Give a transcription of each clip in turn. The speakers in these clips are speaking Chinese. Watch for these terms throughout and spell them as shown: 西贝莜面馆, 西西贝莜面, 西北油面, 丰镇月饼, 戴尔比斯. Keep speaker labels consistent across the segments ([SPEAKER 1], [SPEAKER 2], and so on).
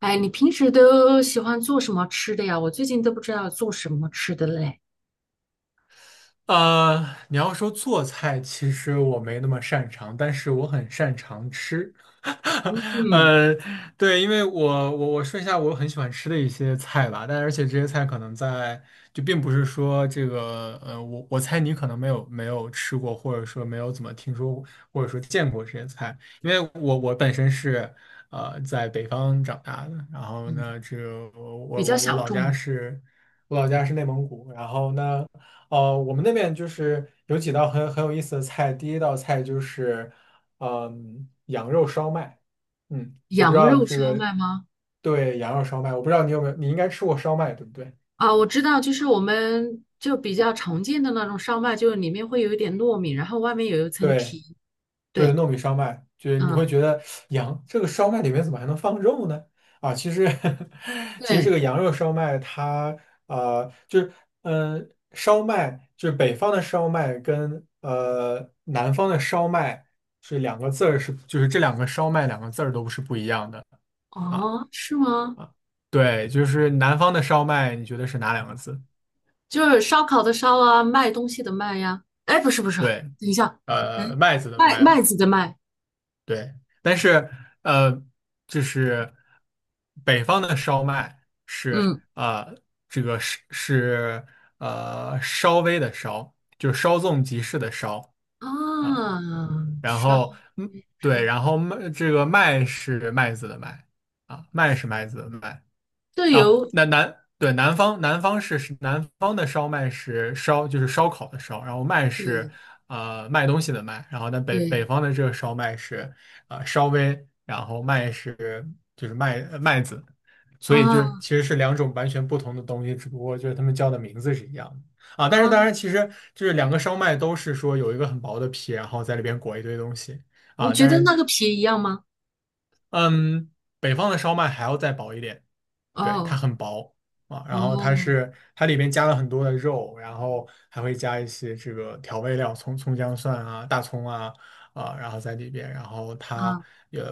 [SPEAKER 1] 哎，你平时都喜欢做什么吃的呀？我最近都不知道做什么吃的嘞。
[SPEAKER 2] 你要说做菜，其实我没那么擅长，但是我很擅长吃。
[SPEAKER 1] 嗯
[SPEAKER 2] 呃，对，因为我说一下我很喜欢吃的一些菜吧，而且这些菜可能在并不是说这个我猜你可能没有吃过，或者说没有怎么听说过，或者说见过这些菜，因为我本身是在北方长大的。然后
[SPEAKER 1] 嗯，
[SPEAKER 2] 呢，这个
[SPEAKER 1] 比
[SPEAKER 2] 我
[SPEAKER 1] 较
[SPEAKER 2] 我我
[SPEAKER 1] 小
[SPEAKER 2] 老家
[SPEAKER 1] 众，
[SPEAKER 2] 是我老家是内蒙古。然后呢，我们那边就是有几道很有意思的菜。第一道菜就是，嗯，羊肉烧麦。嗯，我不知
[SPEAKER 1] 羊
[SPEAKER 2] 道
[SPEAKER 1] 肉
[SPEAKER 2] 这
[SPEAKER 1] 烧
[SPEAKER 2] 个，
[SPEAKER 1] 麦吗？
[SPEAKER 2] 对，羊肉烧麦，我不知道你有没有，你应该吃过烧麦，对不对？
[SPEAKER 1] 啊，我知道，就是我们就比较常见的那种烧麦，就是里面会有一点糯米，然后外面有一层
[SPEAKER 2] 对，
[SPEAKER 1] 皮。
[SPEAKER 2] 对，
[SPEAKER 1] 对，
[SPEAKER 2] 糯米烧麦，就是你
[SPEAKER 1] 嗯，
[SPEAKER 2] 会觉得羊这个烧麦里面怎么还能放肉呢？啊，其实 其实这
[SPEAKER 1] 对，
[SPEAKER 2] 个羊肉烧麦它就是嗯、呃烧麦就是北方的烧麦跟南方的烧麦是两个字儿是就是这两个烧麦两个字儿都是不一样的。啊，
[SPEAKER 1] 哦，是吗？
[SPEAKER 2] 啊，对，就是南方的烧麦你觉得是哪两个字？
[SPEAKER 1] 就是烧烤的烧啊，卖东西的卖呀。哎，不是不是，
[SPEAKER 2] 对，
[SPEAKER 1] 等一下，嗯，
[SPEAKER 2] 麦子的
[SPEAKER 1] 麦
[SPEAKER 2] 麦
[SPEAKER 1] 麦
[SPEAKER 2] 吧。
[SPEAKER 1] 子的麦，
[SPEAKER 2] 对，但是呃，就是北方的烧麦是
[SPEAKER 1] 嗯
[SPEAKER 2] 这个是稍微的稍，就是稍纵即逝的稍。啊，
[SPEAKER 1] 啊，
[SPEAKER 2] 然
[SPEAKER 1] 烧
[SPEAKER 2] 后嗯，对，
[SPEAKER 1] 烧。
[SPEAKER 2] 然后麦这个麦是麦子的麦。啊，麦是麦子的麦。
[SPEAKER 1] 这
[SPEAKER 2] 啊，
[SPEAKER 1] 有
[SPEAKER 2] 那南对南方是南方的烧麦是烧，就是烧烤的烧，然后麦是
[SPEAKER 1] 对
[SPEAKER 2] 卖东西的卖，然后那北北
[SPEAKER 1] 对
[SPEAKER 2] 方的这个烧麦是稍微，然后麦是就是麦子。所以就是
[SPEAKER 1] 啊
[SPEAKER 2] 其实是两种完全不同的东西，只不过就是他们叫的名字是一样的啊。但是
[SPEAKER 1] 啊，
[SPEAKER 2] 当然其实就是两个烧麦都是说有一个很薄的皮，然后在里边裹一堆东西。
[SPEAKER 1] 你
[SPEAKER 2] 啊，
[SPEAKER 1] 觉
[SPEAKER 2] 但
[SPEAKER 1] 得
[SPEAKER 2] 是
[SPEAKER 1] 那个皮一样吗？
[SPEAKER 2] 嗯，北方的烧麦还要再薄一点。对，它
[SPEAKER 1] 哦
[SPEAKER 2] 很薄。啊，然后它
[SPEAKER 1] 哦
[SPEAKER 2] 是它里面加了很多的肉，然后还会加一些这个调味料，葱、葱姜蒜啊、大葱啊。啊，然后在里边，然后它
[SPEAKER 1] 啊
[SPEAKER 2] 也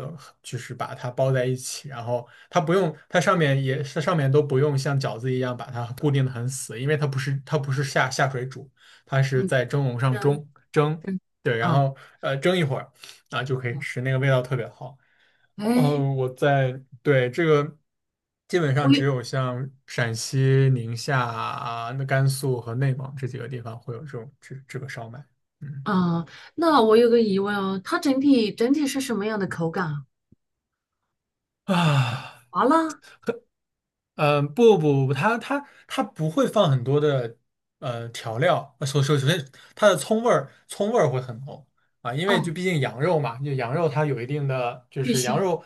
[SPEAKER 2] 就是把它包在一起，然后它不用，它上面也是上面都不用像饺子一样把它固定的很死，因为它不是下水煮，它是
[SPEAKER 1] 嗯，
[SPEAKER 2] 在蒸笼上
[SPEAKER 1] 跟
[SPEAKER 2] 蒸蒸。
[SPEAKER 1] 跟
[SPEAKER 2] 对，然
[SPEAKER 1] 啊
[SPEAKER 2] 后蒸一会儿啊，就可以
[SPEAKER 1] 啊，
[SPEAKER 2] 吃，那个味道特别好。
[SPEAKER 1] 哎，
[SPEAKER 2] 嗯，我在，对，这个基本
[SPEAKER 1] 我
[SPEAKER 2] 上只
[SPEAKER 1] 有
[SPEAKER 2] 有像陕西、宁夏啊、那甘肃和内蒙这几个地方会有这种这个烧麦。嗯。
[SPEAKER 1] 啊，那我有个疑问哦，它整体是什么样的口感啊？
[SPEAKER 2] 啊。
[SPEAKER 1] 麻辣
[SPEAKER 2] 嗯，不不不，它不会放很多的调料。首先它的葱味儿会很浓。啊，因为就
[SPEAKER 1] 啊，
[SPEAKER 2] 毕竟羊肉嘛，就羊肉它有一定的就
[SPEAKER 1] 巨
[SPEAKER 2] 是羊
[SPEAKER 1] 腥，
[SPEAKER 2] 肉，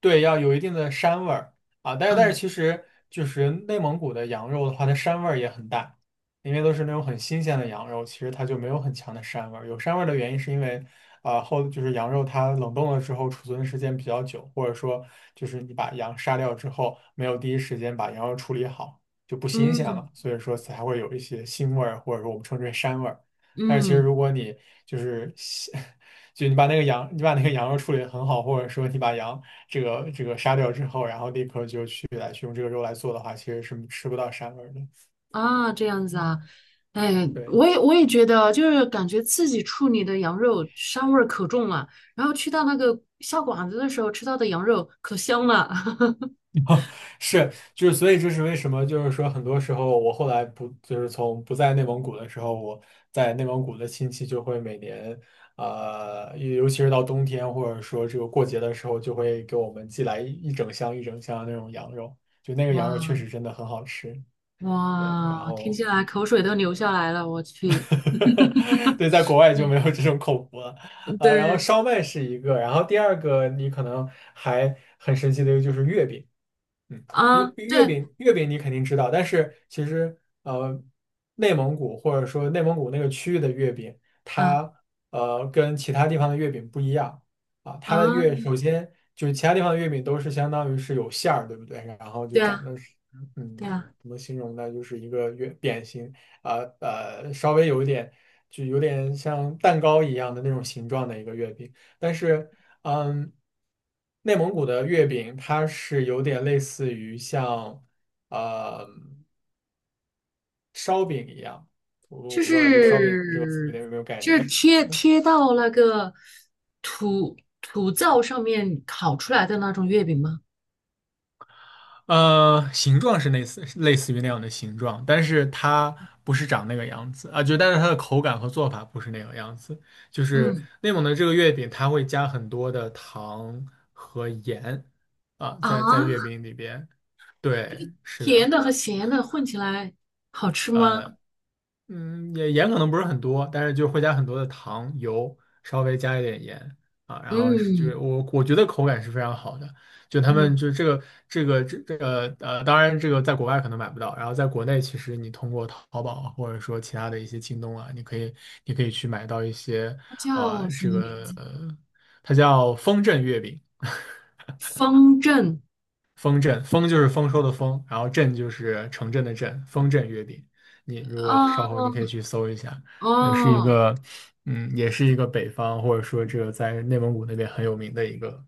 [SPEAKER 2] 对，要有一定的膻味儿。啊，但是
[SPEAKER 1] 嗯
[SPEAKER 2] 其实就是内蒙古的羊肉的话，它膻味儿也很大。因为都是那种很新鲜的羊肉，其实它就没有很强的膻味儿。有膻味儿的原因是因为啊、就是羊肉它冷冻了之后储存的时间比较久，或者说就是你把羊杀掉之后没有第一时间把羊肉处理好，就不新鲜
[SPEAKER 1] 嗯
[SPEAKER 2] 了，所以说才会有一些腥味儿，或者说我们称之为膻味儿。但是其实
[SPEAKER 1] 嗯
[SPEAKER 2] 如果你就是西 就你把那个羊，你把那个羊肉处理得很好，或者说你把羊这个杀掉之后，然后立刻就去来去用这个肉来做的话，其实是吃不到膻味儿的。
[SPEAKER 1] 啊，这样子啊，
[SPEAKER 2] 嗯，
[SPEAKER 1] 哎，
[SPEAKER 2] 对。
[SPEAKER 1] 我也觉得啊，就是感觉自己处理的羊肉膻味儿可重了，然后去到那个下馆子的时候吃到的羊肉可香了，
[SPEAKER 2] 是，就是，所以这是为什么？就是说，很多时候我后来不，就是从不在内蒙古的时候，我在内蒙古的亲戚就会每年，尤其是到冬天或者说这个过节的时候，就会给我们寄来一整箱一整箱的那种羊肉，就那个羊肉确
[SPEAKER 1] 哇
[SPEAKER 2] 实真的很好吃。对，然
[SPEAKER 1] 哇，听
[SPEAKER 2] 后，
[SPEAKER 1] 起来口水都流
[SPEAKER 2] 嗯，
[SPEAKER 1] 下来了，我去，
[SPEAKER 2] 对，在国外就
[SPEAKER 1] 嗯，
[SPEAKER 2] 没有这种口福了。然后
[SPEAKER 1] 对
[SPEAKER 2] 烧麦是一个，然后第二个你可能还很神奇的一个就是月饼。嗯，
[SPEAKER 1] 啊，
[SPEAKER 2] 月
[SPEAKER 1] 对，
[SPEAKER 2] 饼月饼你肯定知道，但是其实呃，内蒙古或者说内蒙古那个区域的月饼，
[SPEAKER 1] 嗯
[SPEAKER 2] 它跟其他地方的月饼不一样。啊，它
[SPEAKER 1] 啊，
[SPEAKER 2] 的月，首先就是其他地方的月饼都是相当于是有馅儿，对不对？然后就
[SPEAKER 1] 对
[SPEAKER 2] 长
[SPEAKER 1] 啊，
[SPEAKER 2] 得是
[SPEAKER 1] 对
[SPEAKER 2] 嗯，
[SPEAKER 1] 啊，
[SPEAKER 2] 怎么形容呢？就是一个月扁形。啊，稍微有一点就有点像蛋糕一样的那种形状的一个月饼，但是。嗯，内蒙古的月饼它是有点类似于像呃烧饼一样，我
[SPEAKER 1] 就
[SPEAKER 2] 我不知道你对烧饼这个词
[SPEAKER 1] 是
[SPEAKER 2] 有没有概
[SPEAKER 1] 就是
[SPEAKER 2] 念？
[SPEAKER 1] 贴贴到那个土灶上面烤出来的那种月饼吗？
[SPEAKER 2] 形状是类似于那样的形状，但是它不是长那个样子啊，就但是它的口感和做法不是那个样子。就是
[SPEAKER 1] 嗯
[SPEAKER 2] 内蒙的这个月饼，它会加很多的糖和盐。啊，在月
[SPEAKER 1] 啊，
[SPEAKER 2] 饼里边。对，是
[SPEAKER 1] 甜
[SPEAKER 2] 的。
[SPEAKER 1] 的和咸的混起来好吃吗？
[SPEAKER 2] 嗯，也盐可能不是很多，但是就会加很多的糖、油，稍微加一点盐。啊，然后是就是
[SPEAKER 1] 嗯
[SPEAKER 2] 我觉得口感是非常好的。就他们
[SPEAKER 1] 嗯，
[SPEAKER 2] 就这个这个当然这个在国外可能买不到，然后在国内其实你通过淘宝啊或者说其他的一些京东啊，你可以你可以去买到一些。
[SPEAKER 1] 它
[SPEAKER 2] 啊、
[SPEAKER 1] 叫
[SPEAKER 2] 呃
[SPEAKER 1] 什
[SPEAKER 2] 这
[SPEAKER 1] 么名
[SPEAKER 2] 个
[SPEAKER 1] 字？
[SPEAKER 2] 呃它叫风筝月饼。
[SPEAKER 1] 方正
[SPEAKER 2] 丰镇，丰就是丰收的丰，然后镇就是城镇的镇，丰镇月饼。你如果稍后
[SPEAKER 1] 啊
[SPEAKER 2] 你可以去搜一下，也是一
[SPEAKER 1] 哦，
[SPEAKER 2] 个，嗯，也是一个北方或者说这个在内蒙古那边很有名的一个，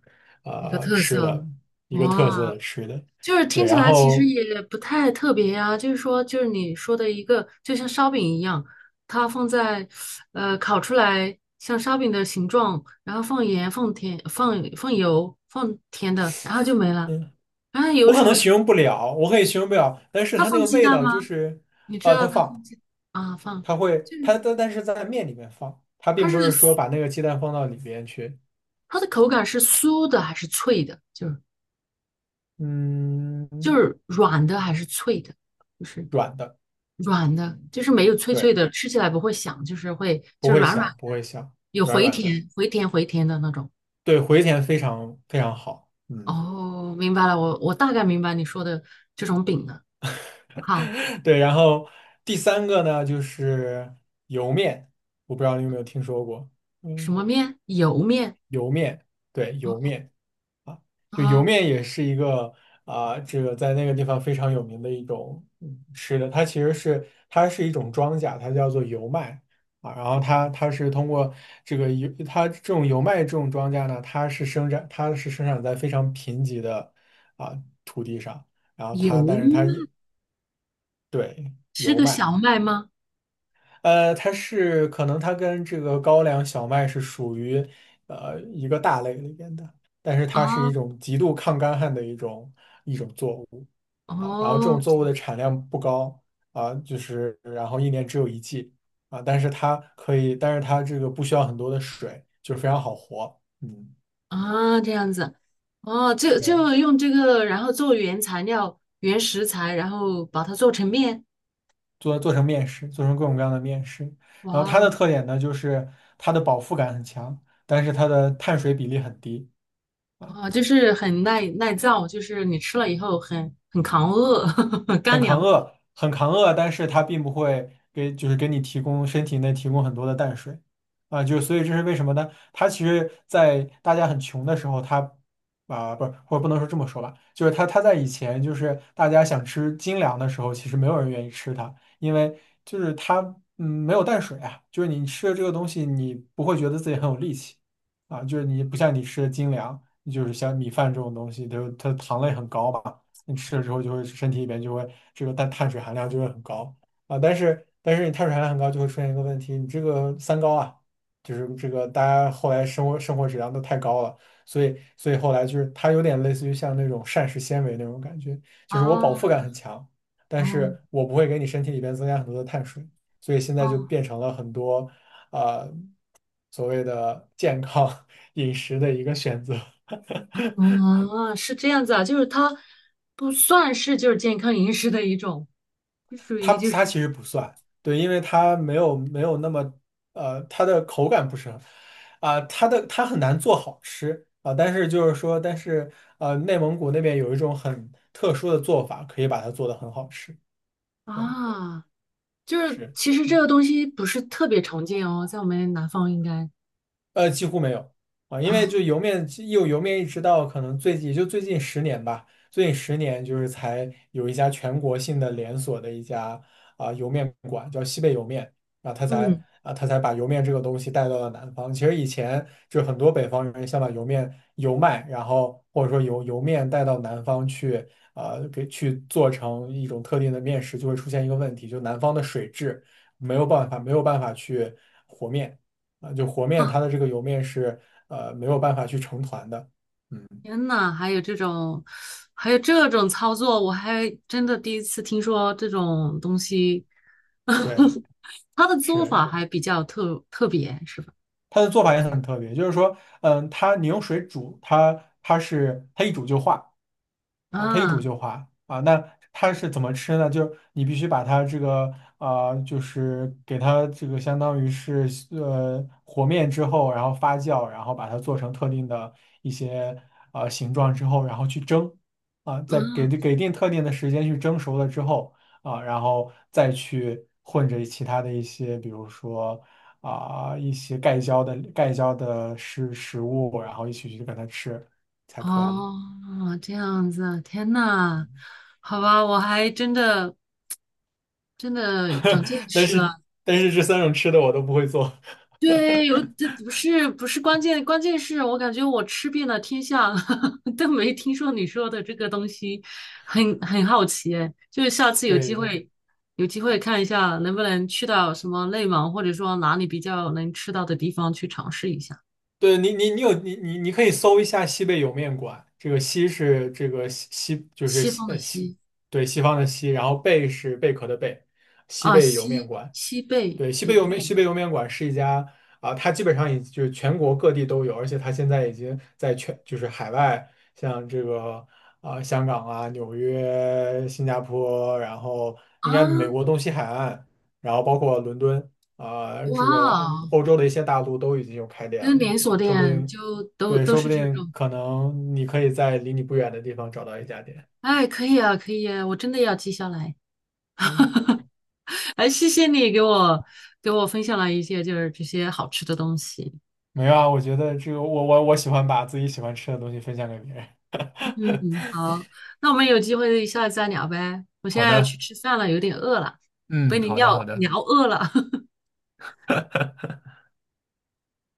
[SPEAKER 1] 一个特
[SPEAKER 2] 吃
[SPEAKER 1] 色
[SPEAKER 2] 的，一个
[SPEAKER 1] 哇。
[SPEAKER 2] 特色的吃的。
[SPEAKER 1] 就是
[SPEAKER 2] 对，
[SPEAKER 1] 听起
[SPEAKER 2] 然
[SPEAKER 1] 来其实
[SPEAKER 2] 后，
[SPEAKER 1] 也不太特别呀，就是说，就是你说的一个，就像烧饼一样，它放在，烤出来像烧饼的形状，然后放盐、放甜、放油、放甜的，然后就没了。
[SPEAKER 2] 嗯，
[SPEAKER 1] 然后有
[SPEAKER 2] 我可
[SPEAKER 1] 什
[SPEAKER 2] 能
[SPEAKER 1] 么？
[SPEAKER 2] 形容不了，我可以形容不了，但是
[SPEAKER 1] 它
[SPEAKER 2] 它那
[SPEAKER 1] 放
[SPEAKER 2] 个
[SPEAKER 1] 鸡
[SPEAKER 2] 味
[SPEAKER 1] 蛋
[SPEAKER 2] 道
[SPEAKER 1] 吗？
[SPEAKER 2] 就是，
[SPEAKER 1] 你知道
[SPEAKER 2] 它
[SPEAKER 1] 它放
[SPEAKER 2] 放，
[SPEAKER 1] 鸡啊？放，
[SPEAKER 2] 它会，
[SPEAKER 1] 就
[SPEAKER 2] 它
[SPEAKER 1] 是
[SPEAKER 2] 但但是在面里面放，它
[SPEAKER 1] 它
[SPEAKER 2] 并不是说
[SPEAKER 1] 是
[SPEAKER 2] 把那个鸡蛋放到里边去，
[SPEAKER 1] 它的口感是酥的还是脆的？就是
[SPEAKER 2] 嗯，
[SPEAKER 1] 就是软的还是脆的？就是。
[SPEAKER 2] 软的。
[SPEAKER 1] 软的，就是没有脆脆
[SPEAKER 2] 对。
[SPEAKER 1] 的，吃起来不会响，就是会
[SPEAKER 2] 不
[SPEAKER 1] 就是
[SPEAKER 2] 会
[SPEAKER 1] 软软
[SPEAKER 2] 响，
[SPEAKER 1] 的，
[SPEAKER 2] 不会响，
[SPEAKER 1] 有
[SPEAKER 2] 软
[SPEAKER 1] 回
[SPEAKER 2] 软的，
[SPEAKER 1] 甜回甜回甜的那种。
[SPEAKER 2] 对，回填非常非常好，嗯，
[SPEAKER 1] 哦，明白了，我大概明白你说的这种饼了。好，
[SPEAKER 2] 对。然后第三个呢，就是油面，我不知道你有没有听说过，
[SPEAKER 1] 什
[SPEAKER 2] 嗯，
[SPEAKER 1] 么面？油面
[SPEAKER 2] 油面，对，油面。啊，就油
[SPEAKER 1] 啊，
[SPEAKER 2] 面也是一个这个在那个地方非常有名的一种嗯吃的，它其实是它是一种庄稼，它叫做油麦。啊，然后它它是通过这个油，它这种油麦这种庄稼呢，它是生长它是生长在非常贫瘠的啊、土地上，然后
[SPEAKER 1] 油
[SPEAKER 2] 它但
[SPEAKER 1] 面
[SPEAKER 2] 是它也对
[SPEAKER 1] 是
[SPEAKER 2] 油
[SPEAKER 1] 个
[SPEAKER 2] 麦。
[SPEAKER 1] 小麦吗？
[SPEAKER 2] 它是可能它跟这个高粱小麦是属于一个大类里边的，但是
[SPEAKER 1] 啊，
[SPEAKER 2] 它是一种极度抗干旱的一种作物。啊，然后这种
[SPEAKER 1] 哦
[SPEAKER 2] 作物的产量不高。啊，就是然后一年只有一季。啊，但是它可以，但是它这个不需要很多的水，就是非常好活。嗯，
[SPEAKER 1] 啊，这样子，哦，就
[SPEAKER 2] 对，
[SPEAKER 1] 就用这个，然后做原材料、原食材，然后把它做成面。
[SPEAKER 2] 做成面食，做成各种各样的面食。
[SPEAKER 1] 哇
[SPEAKER 2] 然后它的
[SPEAKER 1] 哦！
[SPEAKER 2] 特点呢，就是它的饱腹感很强，但是它的碳水比例很低。啊。
[SPEAKER 1] 啊，就是很耐造，就是你吃了以后很扛饿，干
[SPEAKER 2] 很扛
[SPEAKER 1] 粮。
[SPEAKER 2] 饿，很扛饿，但是它并不会给，就是给你提供身体内提供很多的淡水。啊，就所以这是为什么呢？它其实，在大家很穷的时候，不是，或者不能说这么说吧。就是它在以前，就是大家想吃精粮的时候，其实没有人愿意吃它。因为就是它没有淡水啊。就是你吃了这个东西，你不会觉得自己很有力气啊。就是你不像你吃的精粮，就是像米饭这种东西，就是它糖类很高吧。你吃了之后就会身体里边就会这个碳水含量就会很高啊。但是你碳水含量很高就会出现一个问题，你这个三高啊。就是这个大家后来生活质量都太高了。所以后来就是它有点类似于像那种膳食纤维那种感觉。就是我饱腹
[SPEAKER 1] 哦
[SPEAKER 2] 感很强，但
[SPEAKER 1] 哦
[SPEAKER 2] 是我不会给你身体里边增加很多的碳水。所以现在就
[SPEAKER 1] 哦，
[SPEAKER 2] 变成了很多啊、呃所谓的健康 饮食的一个选择。
[SPEAKER 1] 嗯，是这样子啊，就是它不算是就是健康饮食的一种，就属
[SPEAKER 2] 它
[SPEAKER 1] 于就
[SPEAKER 2] 它
[SPEAKER 1] 是
[SPEAKER 2] 其实不算。对，因为它没有那么它的口感不是很它很难做好吃但是就是说，但是内蒙古那边有一种很特殊的做法，可以把它做的很好吃。对，
[SPEAKER 1] 啊，就是
[SPEAKER 2] 是。
[SPEAKER 1] 其实这个东西不是特别常见哦，在我们南方应该
[SPEAKER 2] 几乎没有啊。因为就
[SPEAKER 1] 啊，
[SPEAKER 2] 油面，有油面一直到可能最近，也就最近十年吧。最近十年就是才有一家全国性的连锁的一家油面馆，叫西北油面啊。他才
[SPEAKER 1] 嗯
[SPEAKER 2] 啊他才把油面这个东西带到了南方。其实以前就很多北方人想把油面油麦，然后或者说油面带到南方去给去做成一种特定的面食，就会出现一个问题。就南方的水质没有办法去和面。就和面它的这个油面是没有办法去成团的。嗯，
[SPEAKER 1] 天呐，还有这种，还有这种操作，我还真的第一次听说这种东西。
[SPEAKER 2] 对，
[SPEAKER 1] 它的做
[SPEAKER 2] 是
[SPEAKER 1] 法还比较特别，是吧？
[SPEAKER 2] 它的做法也很特别。就是说，它你用水煮它，它一煮就化。啊，它一煮
[SPEAKER 1] 啊
[SPEAKER 2] 就化啊。那它是怎么吃呢？就是你必须把它这个就是给它这个相当于是和面之后，然后发酵，然后把它做成特定的一些形状之后，然后去蒸啊。再给
[SPEAKER 1] 嗯
[SPEAKER 2] 给定特定的时间去蒸熟了之后啊，然后再去混着其他的一些，比如说。啊，一些盖浇的食物，然后一起去跟它吃才可以。
[SPEAKER 1] 哦，这样子啊，天呐，好吧，我还真的真的长见
[SPEAKER 2] 但
[SPEAKER 1] 识
[SPEAKER 2] 是
[SPEAKER 1] 了。
[SPEAKER 2] 但是这三种吃的我都不会做。
[SPEAKER 1] 对，有这不是关键，关键是我感觉我吃遍了天下，都没听说你说的这个东西，很好奇哎，就是下次有机
[SPEAKER 2] 对
[SPEAKER 1] 会有机会看一下，能不能去到什么内蒙，或者说哪里比较能吃到的地方去尝试一下。
[SPEAKER 2] 对，你你你有你你你可以搜一下西贝莜面馆。这个西是这个西就是
[SPEAKER 1] 西
[SPEAKER 2] 西
[SPEAKER 1] 方的
[SPEAKER 2] 西
[SPEAKER 1] 西
[SPEAKER 2] 对西方的西。然后贝是贝壳的贝，西
[SPEAKER 1] 啊，
[SPEAKER 2] 贝莜面
[SPEAKER 1] 西
[SPEAKER 2] 馆。
[SPEAKER 1] 西贝
[SPEAKER 2] 对，西北
[SPEAKER 1] 莜
[SPEAKER 2] 莜面
[SPEAKER 1] 面
[SPEAKER 2] 西北莜面馆是一家它基本上已就是全国各地都有。而且它现在已经在全就是海外，像这个香港纽约、新加坡，然后
[SPEAKER 1] 啊，
[SPEAKER 2] 应该美国东西海岸，然后包括伦敦
[SPEAKER 1] 哇
[SPEAKER 2] 这个
[SPEAKER 1] 哦，
[SPEAKER 2] 欧洲的一些大陆都已经有开店
[SPEAKER 1] 跟
[SPEAKER 2] 了
[SPEAKER 1] 连锁
[SPEAKER 2] 啊，说不
[SPEAKER 1] 店
[SPEAKER 2] 定
[SPEAKER 1] 就都
[SPEAKER 2] 对，
[SPEAKER 1] 都
[SPEAKER 2] 说
[SPEAKER 1] 是
[SPEAKER 2] 不
[SPEAKER 1] 这
[SPEAKER 2] 定
[SPEAKER 1] 种，
[SPEAKER 2] 可能你可以在离你不远的地方找到一家店。
[SPEAKER 1] 哎，可以啊，可以啊，我真的要记下来。
[SPEAKER 2] 嗯，
[SPEAKER 1] 哎，谢谢你给我给我分享了一些就是这些好吃的东西。
[SPEAKER 2] 没有啊，我觉得这个我喜欢把自己喜欢吃的东西分享给别人。
[SPEAKER 1] 嗯，好，那我们有机会下次再聊呗。我现
[SPEAKER 2] 好
[SPEAKER 1] 在要去
[SPEAKER 2] 的。
[SPEAKER 1] 吃饭了，有点饿了，被
[SPEAKER 2] 嗯，
[SPEAKER 1] 你
[SPEAKER 2] 好的好
[SPEAKER 1] 聊
[SPEAKER 2] 的，
[SPEAKER 1] 聊饿了。